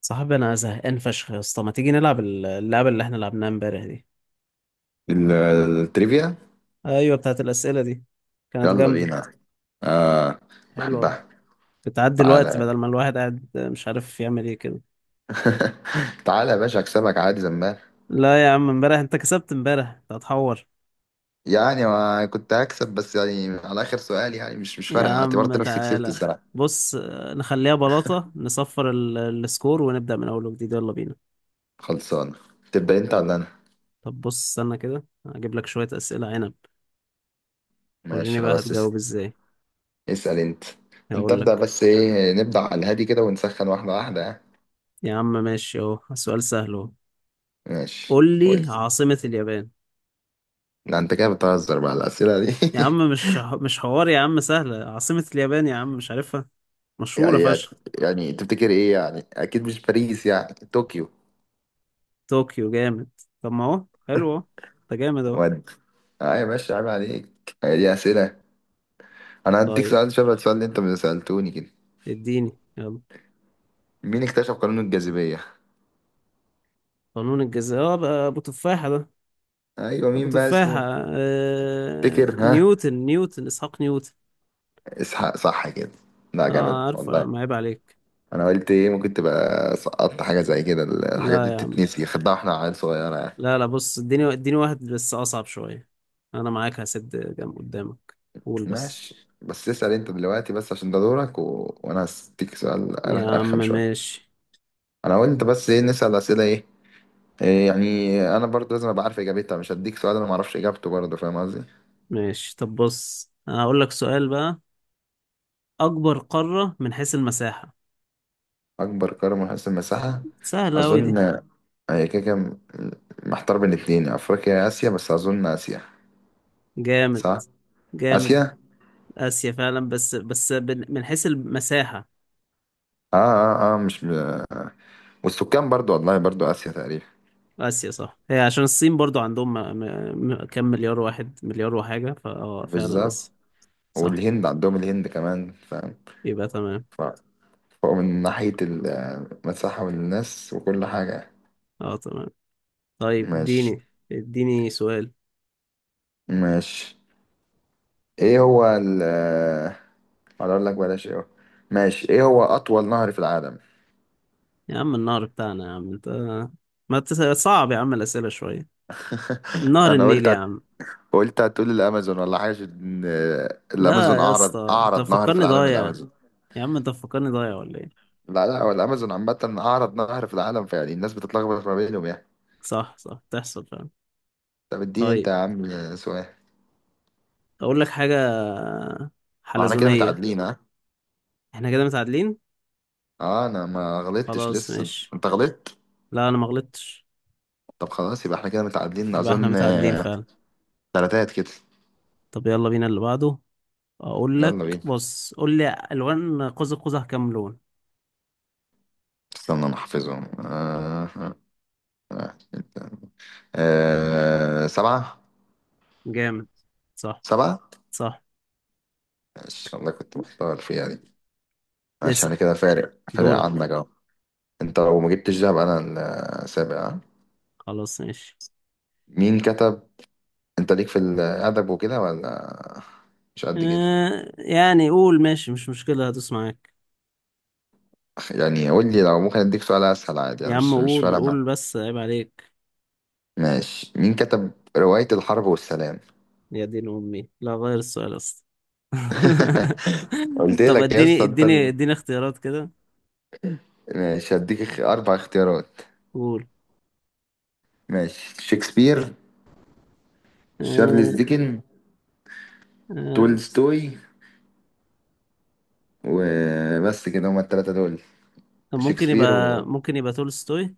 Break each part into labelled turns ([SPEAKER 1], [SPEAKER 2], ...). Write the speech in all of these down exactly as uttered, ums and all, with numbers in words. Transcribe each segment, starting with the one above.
[SPEAKER 1] صاحبي انا زهقان فشخ يا اسطى، ما تيجي نلعب ال- اللعبه اللي احنا لعبناها امبارح دي؟
[SPEAKER 2] ال- التريفيا.
[SPEAKER 1] ايوه، بتاعت الاسئله دي. كانت
[SPEAKER 2] يلا
[SPEAKER 1] جامده،
[SPEAKER 2] بينا. آه،
[SPEAKER 1] حلوه.
[SPEAKER 2] بحبها.
[SPEAKER 1] بتعدي الوقت
[SPEAKER 2] تعالى.
[SPEAKER 1] بدل ما الواحد قاعد مش عارف يعمل ايه كده.
[SPEAKER 2] تعالى يا باشا اكسبك عادي زمان.
[SPEAKER 1] لا يا عم، امبارح انت كسبت. امبارح انت هتحور.
[SPEAKER 2] يعني ما كنت هكسب، بس يعني على اخر سؤال، يعني مش مش
[SPEAKER 1] يا
[SPEAKER 2] فارقه، اعتبرت
[SPEAKER 1] عم
[SPEAKER 2] نفسي كسبت
[SPEAKER 1] تعالى.
[SPEAKER 2] السنه.
[SPEAKER 1] بص آه، نخليها بلاطه. نصفر ال- السكور ونبدا من اول وجديد. يلا بينا.
[SPEAKER 2] خلصان. تبدا انت ولا انا؟
[SPEAKER 1] طب بص استنى كده، هجيب لك شويه اسئله عنب. وريني
[SPEAKER 2] ماشي
[SPEAKER 1] بقى
[SPEAKER 2] خلاص. اس-
[SPEAKER 1] هتجاوب ازاي.
[SPEAKER 2] اسال انت. انت
[SPEAKER 1] هقول
[SPEAKER 2] ابدا،
[SPEAKER 1] لك.
[SPEAKER 2] بس ايه نبدا على الهادي كده ونسخن واحده واحده، ها؟
[SPEAKER 1] يا عم ماشي، اهو سؤال سهل اهو.
[SPEAKER 2] ماشي
[SPEAKER 1] قول لي
[SPEAKER 2] قول.
[SPEAKER 1] عاصمه اليابان.
[SPEAKER 2] لا انت كده بتهزر، بقى الاسئله دي؟
[SPEAKER 1] يا عم مش مش حوار يا عم، سهلة. عاصمة اليابان يا عم مش عارفها؟ مشهورة
[SPEAKER 2] يعني
[SPEAKER 1] فشخ.
[SPEAKER 2] يعني تفتكر ايه؟ يعني اكيد مش باريس، يعني طوكيو.
[SPEAKER 1] طوكيو جامد. طب ما اهو حلو اهو. ده جامد اهو.
[SPEAKER 2] ودي؟ اه يا باشا، عيب عليك، هي دي اسئله؟ انا هديك
[SPEAKER 1] طيب
[SPEAKER 2] سؤال شبه السؤال اللي انت ما سالتوني كده.
[SPEAKER 1] اديني يلا.
[SPEAKER 2] مين اكتشف قانون الجاذبيه؟
[SPEAKER 1] قانون الجاذبية، اه بقى ابو تفاحة ده.
[SPEAKER 2] ايوه
[SPEAKER 1] ابو
[SPEAKER 2] مين بقى
[SPEAKER 1] تفاحة.
[SPEAKER 2] اسمه؟
[SPEAKER 1] آه...
[SPEAKER 2] تفتكر، ها؟
[SPEAKER 1] نيوتن. نيوتن اسحاق نيوتن.
[SPEAKER 2] اسحاق صح كده؟ لا جامد
[SPEAKER 1] اه عارفه يا
[SPEAKER 2] والله.
[SPEAKER 1] عم، عيب عليك.
[SPEAKER 2] انا قلت ايه، ممكن تبقى سقطت حاجه زي كده، الحاجات
[SPEAKER 1] لا
[SPEAKER 2] دي
[SPEAKER 1] يا عم.
[SPEAKER 2] بتتنسي خدها واحنا عيال صغيره يعني.
[SPEAKER 1] لا لا بص، اديني اديني واحد بس اصعب شوية. انا معاك، هسد جنب قدامك. قول بس.
[SPEAKER 2] ماشي، بس اسال انت دلوقتي بس عشان ده دورك، و... وانا هديك سؤال أر-
[SPEAKER 1] يا عم
[SPEAKER 2] ارخم شويه.
[SPEAKER 1] ماشي.
[SPEAKER 2] انا قلت بس ايه، نسال اسئله ايه؟ إيه، يعني انا برضه لازم ابقى عارف اجابتها، مش هديك سؤال انا ما اعرفش اجابته برضه، فاهم قصدي؟
[SPEAKER 1] ماشي. طب بص، أنا هقول لك سؤال بقى. أكبر قارة من حيث المساحة.
[SPEAKER 2] أكبر قارة من حيث المساحة.
[SPEAKER 1] سهلة أوي دي.
[SPEAKER 2] أظن هي كده كده، محتار بين اتنين، أفريقيا يا آسيا، بس أظن آسيا.
[SPEAKER 1] جامد.
[SPEAKER 2] صح؟
[SPEAKER 1] جامد.
[SPEAKER 2] آسيا؟
[SPEAKER 1] آسيا فعلا، بس بس بن- من حيث المساحة.
[SPEAKER 2] آه آه آه، مش م... والسكان برضو، والله برضو آسيا تقريبا.
[SPEAKER 1] آسيا صح، هي عشان الصين برضو عندهم م... م... م- كام مليار. واحد مليار وحاجة، فأه فعلا
[SPEAKER 2] بالظبط.
[SPEAKER 1] آسيا. صح.
[SPEAKER 2] والهند، عندهم الهند كمان، فاهم؟
[SPEAKER 1] يبقى تمام.
[SPEAKER 2] ف- فهو من ناحية المساحة والناس وكل حاجة.
[SPEAKER 1] أه تمام. طيب
[SPEAKER 2] ماشي.
[SPEAKER 1] اديني. اديني سؤال.
[SPEAKER 2] ماشي ايه هو ال اقول لك بلاش ايه هو؟ ماشي، ايه هو أطول نهر في العالم؟
[SPEAKER 1] يا عم النهر بتاعنا يا عم انت. ما تس... صعب يا عم الأسئلة شوية. نهر
[SPEAKER 2] أنا
[SPEAKER 1] النيل يا
[SPEAKER 2] قلت،
[SPEAKER 1] عم.
[SPEAKER 2] قلت هتقول الامازون ولا حاجه، إن الامازون
[SPEAKER 1] لا يا
[SPEAKER 2] اعرض
[SPEAKER 1] اسطى، انت
[SPEAKER 2] اعرض نهر في
[SPEAKER 1] مفكرني
[SPEAKER 2] العالم،
[SPEAKER 1] ضايع.
[SPEAKER 2] الامازون.
[SPEAKER 1] يا عم انت مفكرني ضايع ولا ايه؟
[SPEAKER 2] لا لا، هو الامازون عامه اعرض نهر في العالم، فيعني الناس بتتلخبط ما بينهم يعني.
[SPEAKER 1] صح صح، تحصل فعلا.
[SPEAKER 2] طب اديني انت
[SPEAKER 1] طيب
[SPEAKER 2] يا عم سؤال.
[SPEAKER 1] اقول لك حاجة.
[SPEAKER 2] واحنا كده
[SPEAKER 1] حلزونية.
[SPEAKER 2] متعادلين، ها.
[SPEAKER 1] احنا كده متعادلين.
[SPEAKER 2] اه انا ما غلطتش
[SPEAKER 1] خلاص
[SPEAKER 2] لسه،
[SPEAKER 1] ماشي.
[SPEAKER 2] انت غلطت.
[SPEAKER 1] لا انا ما غلطتش.
[SPEAKER 2] طب خلاص، يبقى احنا كده متعادلين
[SPEAKER 1] يبقى احنا
[SPEAKER 2] اظن،
[SPEAKER 1] متعادلين
[SPEAKER 2] آه،
[SPEAKER 1] فعلا.
[SPEAKER 2] تلاتات كده.
[SPEAKER 1] طب يلا بينا اللي بعده. اقول لك،
[SPEAKER 2] يلا بينا.
[SPEAKER 1] بص قول لي الوان قوس قزح كام لون.
[SPEAKER 2] استنى انا احفظهم. آه. آه. آه. آه، سبعة.
[SPEAKER 1] جامد. صح.
[SPEAKER 2] سبعة.
[SPEAKER 1] صح.
[SPEAKER 2] ماشي والله، كنت محتار فيها دي. ماشي، انا
[SPEAKER 1] اسأل.
[SPEAKER 2] كده فارق، فارق
[SPEAKER 1] دورك.
[SPEAKER 2] عنك اهو. انت لو ما جبتش دهب، انا السابع، ها؟
[SPEAKER 1] خلاص ماشي.
[SPEAKER 2] مين كتب؟ انت ليك في الادب وكده ولا مش قد كده؟
[SPEAKER 1] اه يعني قول ماشي، مش مشكلة، هدوس معاك.
[SPEAKER 2] يعني قول لي، لو ممكن اديك سؤال اسهل عادي،
[SPEAKER 1] يا
[SPEAKER 2] انا
[SPEAKER 1] عم
[SPEAKER 2] مش مش
[SPEAKER 1] قول
[SPEAKER 2] فارقه
[SPEAKER 1] قول
[SPEAKER 2] معايا.
[SPEAKER 1] بس، عيب عليك.
[SPEAKER 2] ماشي، مين كتب رواية الحرب والسلام؟
[SPEAKER 1] يا دين امي، لا غير السؤال اصلا.
[SPEAKER 2] قلت
[SPEAKER 1] طب
[SPEAKER 2] لك يا
[SPEAKER 1] اديني
[SPEAKER 2] اسطى، انت
[SPEAKER 1] اديني
[SPEAKER 2] ال-
[SPEAKER 1] اديني اختيارات كده.
[SPEAKER 2] ماشي، هديك اخ- اربع اختيارات.
[SPEAKER 1] قول.
[SPEAKER 2] ماشي، شكسبير، شارلز
[SPEAKER 1] آه.
[SPEAKER 2] ديكن،
[SPEAKER 1] آه.
[SPEAKER 2] تولستوي، وبس كده، هما التلاتة دول.
[SPEAKER 1] طب ممكن
[SPEAKER 2] شكسبير
[SPEAKER 1] يبقى.
[SPEAKER 2] و...
[SPEAKER 1] ممكن يبقى تولستوي.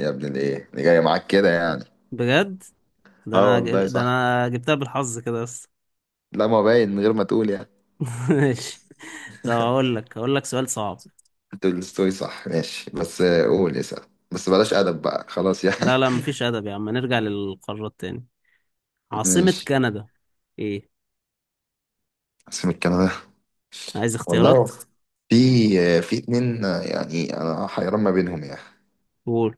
[SPEAKER 2] يا ابن الايه اللي جاية معاك كده يعني.
[SPEAKER 1] بجد؟ ده
[SPEAKER 2] اه
[SPEAKER 1] انا جايب-
[SPEAKER 2] والله
[SPEAKER 1] ده
[SPEAKER 2] صح،
[SPEAKER 1] انا جبتها بالحظ كده بس.
[SPEAKER 2] لا ما باين من غير ما تقول يعني.
[SPEAKER 1] ماشي. طب اقول لك اقول لك سؤال صعب.
[SPEAKER 2] تولستوي صح، ماشي، بس آه، قول اسأل، بس بلاش أدب بقى خلاص يعني.
[SPEAKER 1] لا لا مفيش ادب يا عم، نرجع للقارات تاني. عاصمة
[SPEAKER 2] ماشي.
[SPEAKER 1] كندا. ايه؟
[SPEAKER 2] عاصمة كندا.
[SPEAKER 1] عايز
[SPEAKER 2] والله،
[SPEAKER 1] اختيارات.
[SPEAKER 2] في، آه، في اتنين، آه، يعني أنا حيران ما بينهم يعني.
[SPEAKER 1] قول.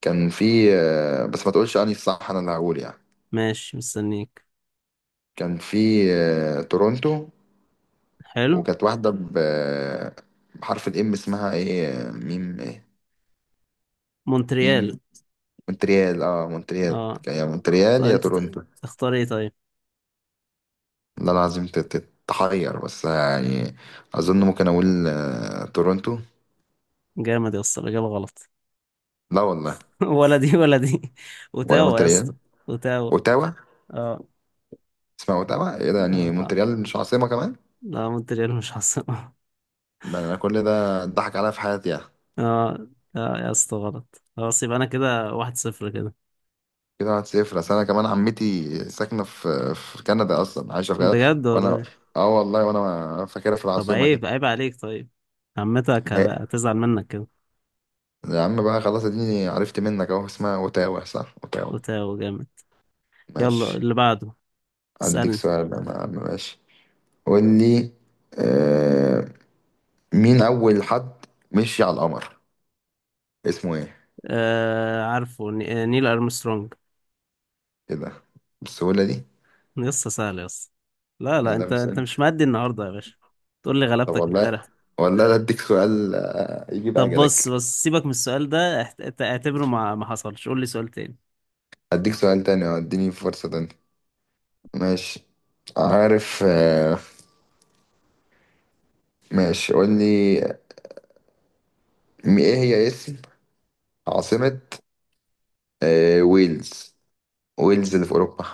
[SPEAKER 2] كان في، آه، بس ما تقولش أنهي الصح، أنا اللي هقول يعني.
[SPEAKER 1] ماشي مستنيك.
[SPEAKER 2] كان في، آه، تورونتو،
[SPEAKER 1] حلو.
[SPEAKER 2] وكانت واحدة، ب- آه، بحرف الإم اسمها إيه، آه، ميم إيه.
[SPEAKER 1] مونتريال.
[SPEAKER 2] ميم، مونتريال. أه مونتريال.
[SPEAKER 1] اه.
[SPEAKER 2] يا
[SPEAKER 1] طب
[SPEAKER 2] مونتريال يا
[SPEAKER 1] انت ت-
[SPEAKER 2] تورونتو.
[SPEAKER 1] تختار ايه طيب؟
[SPEAKER 2] ده العظيم ت- ت- تحير بس يعني. اظن ممكن اقول، آه، تورونتو.
[SPEAKER 1] جامد يا اسطى، الاجابة غلط.
[SPEAKER 2] لا والله؟
[SPEAKER 1] ولا دي ولا دي.
[SPEAKER 2] ولا
[SPEAKER 1] اوتاوا يا اسطى.
[SPEAKER 2] مونتريال؟
[SPEAKER 1] اوتاوا.
[SPEAKER 2] اوتاوا.
[SPEAKER 1] اه.
[SPEAKER 2] اسمها اوتاوا؟ ايه ده يعني،
[SPEAKER 1] آه.
[SPEAKER 2] مونتريال مش عاصمة كمان؟
[SPEAKER 1] لا مونتريال مش عاصمة.
[SPEAKER 2] ده انا كل ده اتضحك عليا في حياتي يعني.
[SPEAKER 1] اه. لا يا اسطى غلط خلاص، يبقى انا كده واحد صفر كده.
[SPEAKER 2] كده واحد صفر. اصل انا كمان عمتي ساكنة في، في كندا اصلا، عايشة في كندا،
[SPEAKER 1] بجد
[SPEAKER 2] وانا،
[SPEAKER 1] والله.
[SPEAKER 2] اه والله، وانا فاكرها في
[SPEAKER 1] طب
[SPEAKER 2] العاصمة
[SPEAKER 1] عيب،
[SPEAKER 2] كده.
[SPEAKER 1] عيب عليك طيب. عمتك
[SPEAKER 2] هي؟
[SPEAKER 1] هت- هتزعل منك كده.
[SPEAKER 2] يا عم بقى خلاص، اديني عرفت منك اهو، اسمها اوتاوا، صح؟ اوتاوا.
[SPEAKER 1] وتاو جامد. يلا
[SPEAKER 2] ماشي،
[SPEAKER 1] اللي بعده.
[SPEAKER 2] اديك
[SPEAKER 1] اسألني.
[SPEAKER 2] سؤال بقى يا عم، ماشي. قول لي، آه، مين أول حد مشي على القمر؟ اسمه إيه؟
[SPEAKER 1] آه عارفه ن- آه، نيل ارمسترونج.
[SPEAKER 2] إيه ده؟ بالسهولة دي؟
[SPEAKER 1] لسه سهل يا اسطى. لا لا،
[SPEAKER 2] لا
[SPEAKER 1] انت انت
[SPEAKER 2] بسأل.
[SPEAKER 1] مش مادي النهارده يا باشا. تقول لي
[SPEAKER 2] طب
[SPEAKER 1] غلبتك
[SPEAKER 2] والله،
[SPEAKER 1] امبارح.
[SPEAKER 2] والله لا أديك سؤال، آه، يجيب
[SPEAKER 1] طب بص
[SPEAKER 2] أجلك.
[SPEAKER 1] بص سيبك من السؤال ده، احت- اعت- اعتبره ما ما حصلش. قول لي سؤال تاني.
[SPEAKER 2] أديك سؤال تاني، أه، أديني فرصة تانية. ماشي. عارف، آه، ماشي قول لي، م- إيه هي اسم عاصمة، آه، ويلز؟ ويلز اللي في أوروبا.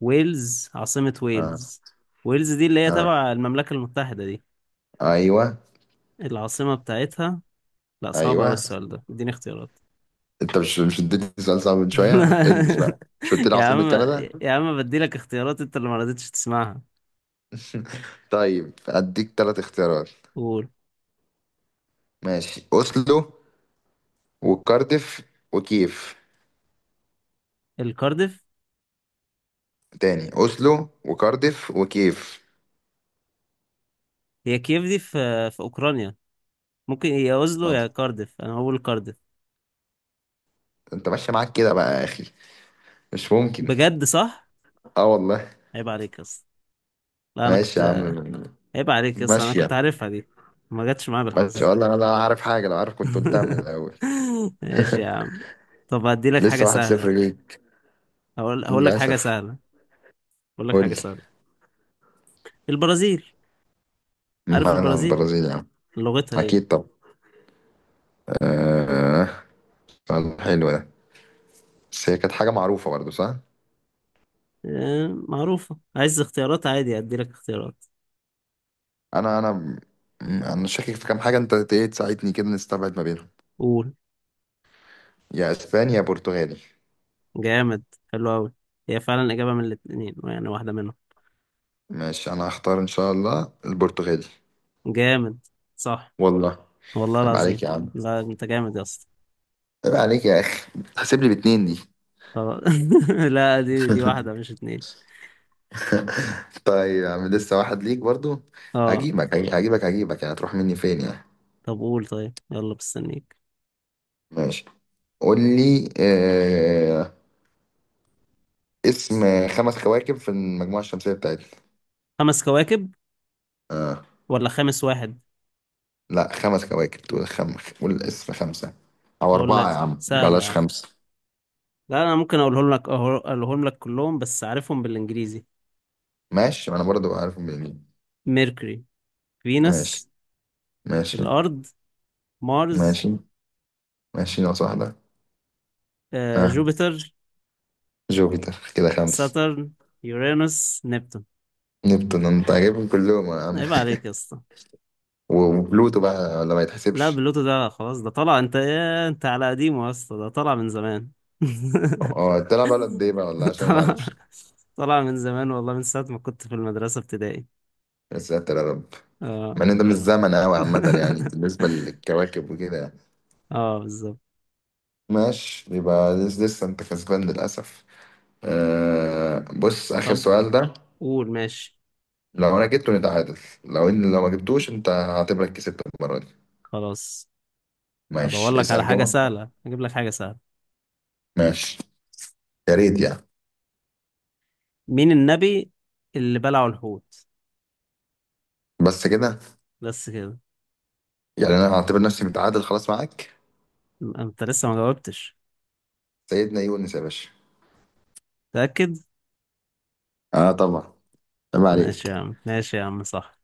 [SPEAKER 1] ويلز. عاصمة
[SPEAKER 2] آه.
[SPEAKER 1] ويلز. ويلز دي اللي هي
[SPEAKER 2] آه.
[SPEAKER 1] تبع المملكة المتحدة دي.
[SPEAKER 2] أيوه.
[SPEAKER 1] العاصمة بتاعتها. لا صعب أوي
[SPEAKER 2] أيوه.
[SPEAKER 1] السؤال ده، اديني اختيارات.
[SPEAKER 2] أنت مش مش اديتني سؤال صعب من شوية؟ البس بقى، مش قلت لي
[SPEAKER 1] يا عم.
[SPEAKER 2] عاصمة كندا؟
[SPEAKER 1] يا عم بديلك اختيارات انت اللي ما رضيتش تسمعها.
[SPEAKER 2] طيب أديك تلات اختيارات.
[SPEAKER 1] قول.
[SPEAKER 2] ماشي، اوسلو وكارديف وكيف.
[SPEAKER 1] الكارديف.
[SPEAKER 2] تاني، اوسلو وكارديف وكيف.
[SPEAKER 1] هي كييف دي في. في أوكرانيا. ممكن يا أوزلو
[SPEAKER 2] ما انت،
[SPEAKER 1] يا كارديف، أنا هقول كارديف.
[SPEAKER 2] انت ماشيه معاك كده بقى يا اخي، مش ممكن.
[SPEAKER 1] بجد صح.
[SPEAKER 2] اه والله.
[SPEAKER 1] عيب عليك يا اسطى. لا أنا
[SPEAKER 2] ماشي يا عم.
[SPEAKER 1] كنت. عيب عليك يا اسطى، أنا كنت
[SPEAKER 2] ماشيه.
[SPEAKER 1] عارفها دي. ما جاتش معايا
[SPEAKER 2] ماشي
[SPEAKER 1] بالحظ.
[SPEAKER 2] والله انا لا عارف حاجه، لو عارف كنت قلتها من الاول.
[SPEAKER 1] ماشي يا عم. طب هديلك حاجة
[SPEAKER 2] لسه واحد
[SPEAKER 1] سهلة.
[SPEAKER 2] صفر ليك،
[SPEAKER 1] هقول هقول لك حاجة
[SPEAKER 2] للاسف.
[SPEAKER 1] سهلة. هقول لك
[SPEAKER 2] قول
[SPEAKER 1] حاجة
[SPEAKER 2] لي.
[SPEAKER 1] سهلة. البرازيل. عارف
[SPEAKER 2] مالها
[SPEAKER 1] البرازيل.
[SPEAKER 2] البرازيل يا عم؟
[SPEAKER 1] لغتها
[SPEAKER 2] اكيد.
[SPEAKER 1] ايه؟
[SPEAKER 2] طب، آه، سؤال حلو ده، بس هي كانت حاجه معروفه برضه صح.
[SPEAKER 1] آه، معروفة. عايز اختيارات عادي أديلك اختيارات.
[SPEAKER 2] انا انا انا شاكك في كام حاجه، انت ايه تساعدني كده نستبعد ما بينهم.
[SPEAKER 1] قول.
[SPEAKER 2] يا اسبانيا يا برتغالي.
[SPEAKER 1] جامد. حلو أوي. هي فعلا إجابة من الاتنين يعني، واحدة منهم.
[SPEAKER 2] ماشي انا هختار ان شاء الله البرتغالي.
[SPEAKER 1] جامد. صح.
[SPEAKER 2] والله؟
[SPEAKER 1] والله
[SPEAKER 2] عيب
[SPEAKER 1] العظيم.
[SPEAKER 2] عليك يا عم.
[SPEAKER 1] لا أنت جامد يا اسطى.
[SPEAKER 2] عيب عليك يا اخي، هسيب لي باتنين دي؟
[SPEAKER 1] خلاص. لا دي دي واحدة مش اتنين.
[SPEAKER 2] طيب يا عم، لسه واحد ليك برضو.
[SPEAKER 1] اه.
[SPEAKER 2] هجيبك هجي- هجيبك هجيبك، يعني هتروح مني فين يعني.
[SPEAKER 1] طب قول، طيب يلا مستنيك.
[SPEAKER 2] ماشي، قول لي، آه، اسم خمس كواكب في المجموعة الشمسية بتاعتنا.
[SPEAKER 1] خمس كواكب؟ ولا خامس واحد؟
[SPEAKER 2] لا خمس كواكب، تقول خم، قول اسم خمسة، أو
[SPEAKER 1] أقول
[SPEAKER 2] أربعة يا
[SPEAKER 1] لك
[SPEAKER 2] عم،
[SPEAKER 1] سهلة يا
[SPEAKER 2] بلاش
[SPEAKER 1] عم.
[SPEAKER 2] خمسة.
[SPEAKER 1] لا أنا ممكن أقولهم لك أهو- أقولهم لك كلهم بس عارفهم بالإنجليزي.
[SPEAKER 2] ماشي، ما أنا برضو عارف منين.
[SPEAKER 1] ميركوري.
[SPEAKER 2] ماشي.
[SPEAKER 1] فينوس.
[SPEAKER 2] ماشي.
[SPEAKER 1] الأرض. مارس.
[SPEAKER 2] ماشي ماشي ناقص واحدة.
[SPEAKER 1] آه،
[SPEAKER 2] ها،
[SPEAKER 1] جوبيتر.
[SPEAKER 2] جوبيتر كده خمس.
[SPEAKER 1] ساترن. يورانوس. نبتون.
[SPEAKER 2] نبتون؟ انت عاجبهم كلهم يا عم.
[SPEAKER 1] عيب عليك يا اسطى.
[SPEAKER 2] وبلوتو بقى ولا ما
[SPEAKER 1] لا
[SPEAKER 2] يتحسبش؟
[SPEAKER 1] بلوتو ده خلاص، ده طلع. انت ايه انت على قديمه يا اسطى، ده طلع من زمان.
[SPEAKER 2] اه تلعب على قد ايه بقى، والله عشان انا ما
[SPEAKER 1] طلع.
[SPEAKER 2] اعرفش.
[SPEAKER 1] طلع من زمان والله، من ساعة ما كنت في المدرسة ابتدائي.
[SPEAKER 2] يا ساتر يا رب.
[SPEAKER 1] اه.
[SPEAKER 2] مع ان ده مش زمن قوي عامة يعني بالنسبة للكواكب وكده يعني.
[SPEAKER 1] اه بالظبط.
[SPEAKER 2] ماشي، يبقى لس- لسه انت كسبان للأسف. آه بص، آخر
[SPEAKER 1] طب
[SPEAKER 2] سؤال ده،
[SPEAKER 1] قول ماشي.
[SPEAKER 2] لو انا جبته نتعادل، لو ان لو ما جبتوش انت هعتبرك كسبت المرة دي.
[SPEAKER 1] خلاص هدور
[SPEAKER 2] ماشي
[SPEAKER 1] لك على
[SPEAKER 2] اسأل
[SPEAKER 1] حاجة
[SPEAKER 2] كده.
[SPEAKER 1] سهلة، هجيب لك حاجة سهلة.
[SPEAKER 2] ماشي يا ريت يعني.
[SPEAKER 1] مين النبي اللي بلعه الحوت؟
[SPEAKER 2] بس كده؟
[SPEAKER 1] بس كده.
[SPEAKER 2] يعني انا هعتبر نفسي متعادل خلاص معاك.
[SPEAKER 1] انت لسه ما جاوبتش.
[SPEAKER 2] سيدنا يونس يا باشا.
[SPEAKER 1] متأكد؟
[SPEAKER 2] اه طبعا، عيب
[SPEAKER 1] ماشي
[SPEAKER 2] عليك.
[SPEAKER 1] يا عم، ماشي يا عم، صح.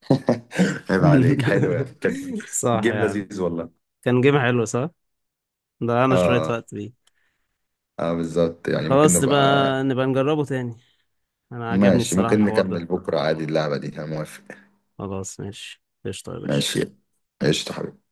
[SPEAKER 2] عيب عليك، حلو يعني، كانت
[SPEAKER 1] صح
[SPEAKER 2] جيم
[SPEAKER 1] يا عم.
[SPEAKER 2] لذيذ والله.
[SPEAKER 1] كان جيم حلو صح. ضيعنا شوية
[SPEAKER 2] اه.
[SPEAKER 1] وقت بيه.
[SPEAKER 2] اه بالظبط، يعني ممكن
[SPEAKER 1] خلاص نبقى.
[SPEAKER 2] نبقى.
[SPEAKER 1] نبقى نجربه تاني. انا عجبني
[SPEAKER 2] ماشي
[SPEAKER 1] الصراحة
[SPEAKER 2] ممكن
[SPEAKER 1] الحوار
[SPEAKER 2] نكمل
[SPEAKER 1] ده.
[SPEAKER 2] بكرة عادي، اللعبة دي انا موافق.
[SPEAKER 1] خلاص ماشي، قشطة يا باشا.
[SPEAKER 2] ماشي، قشطة حبيبي.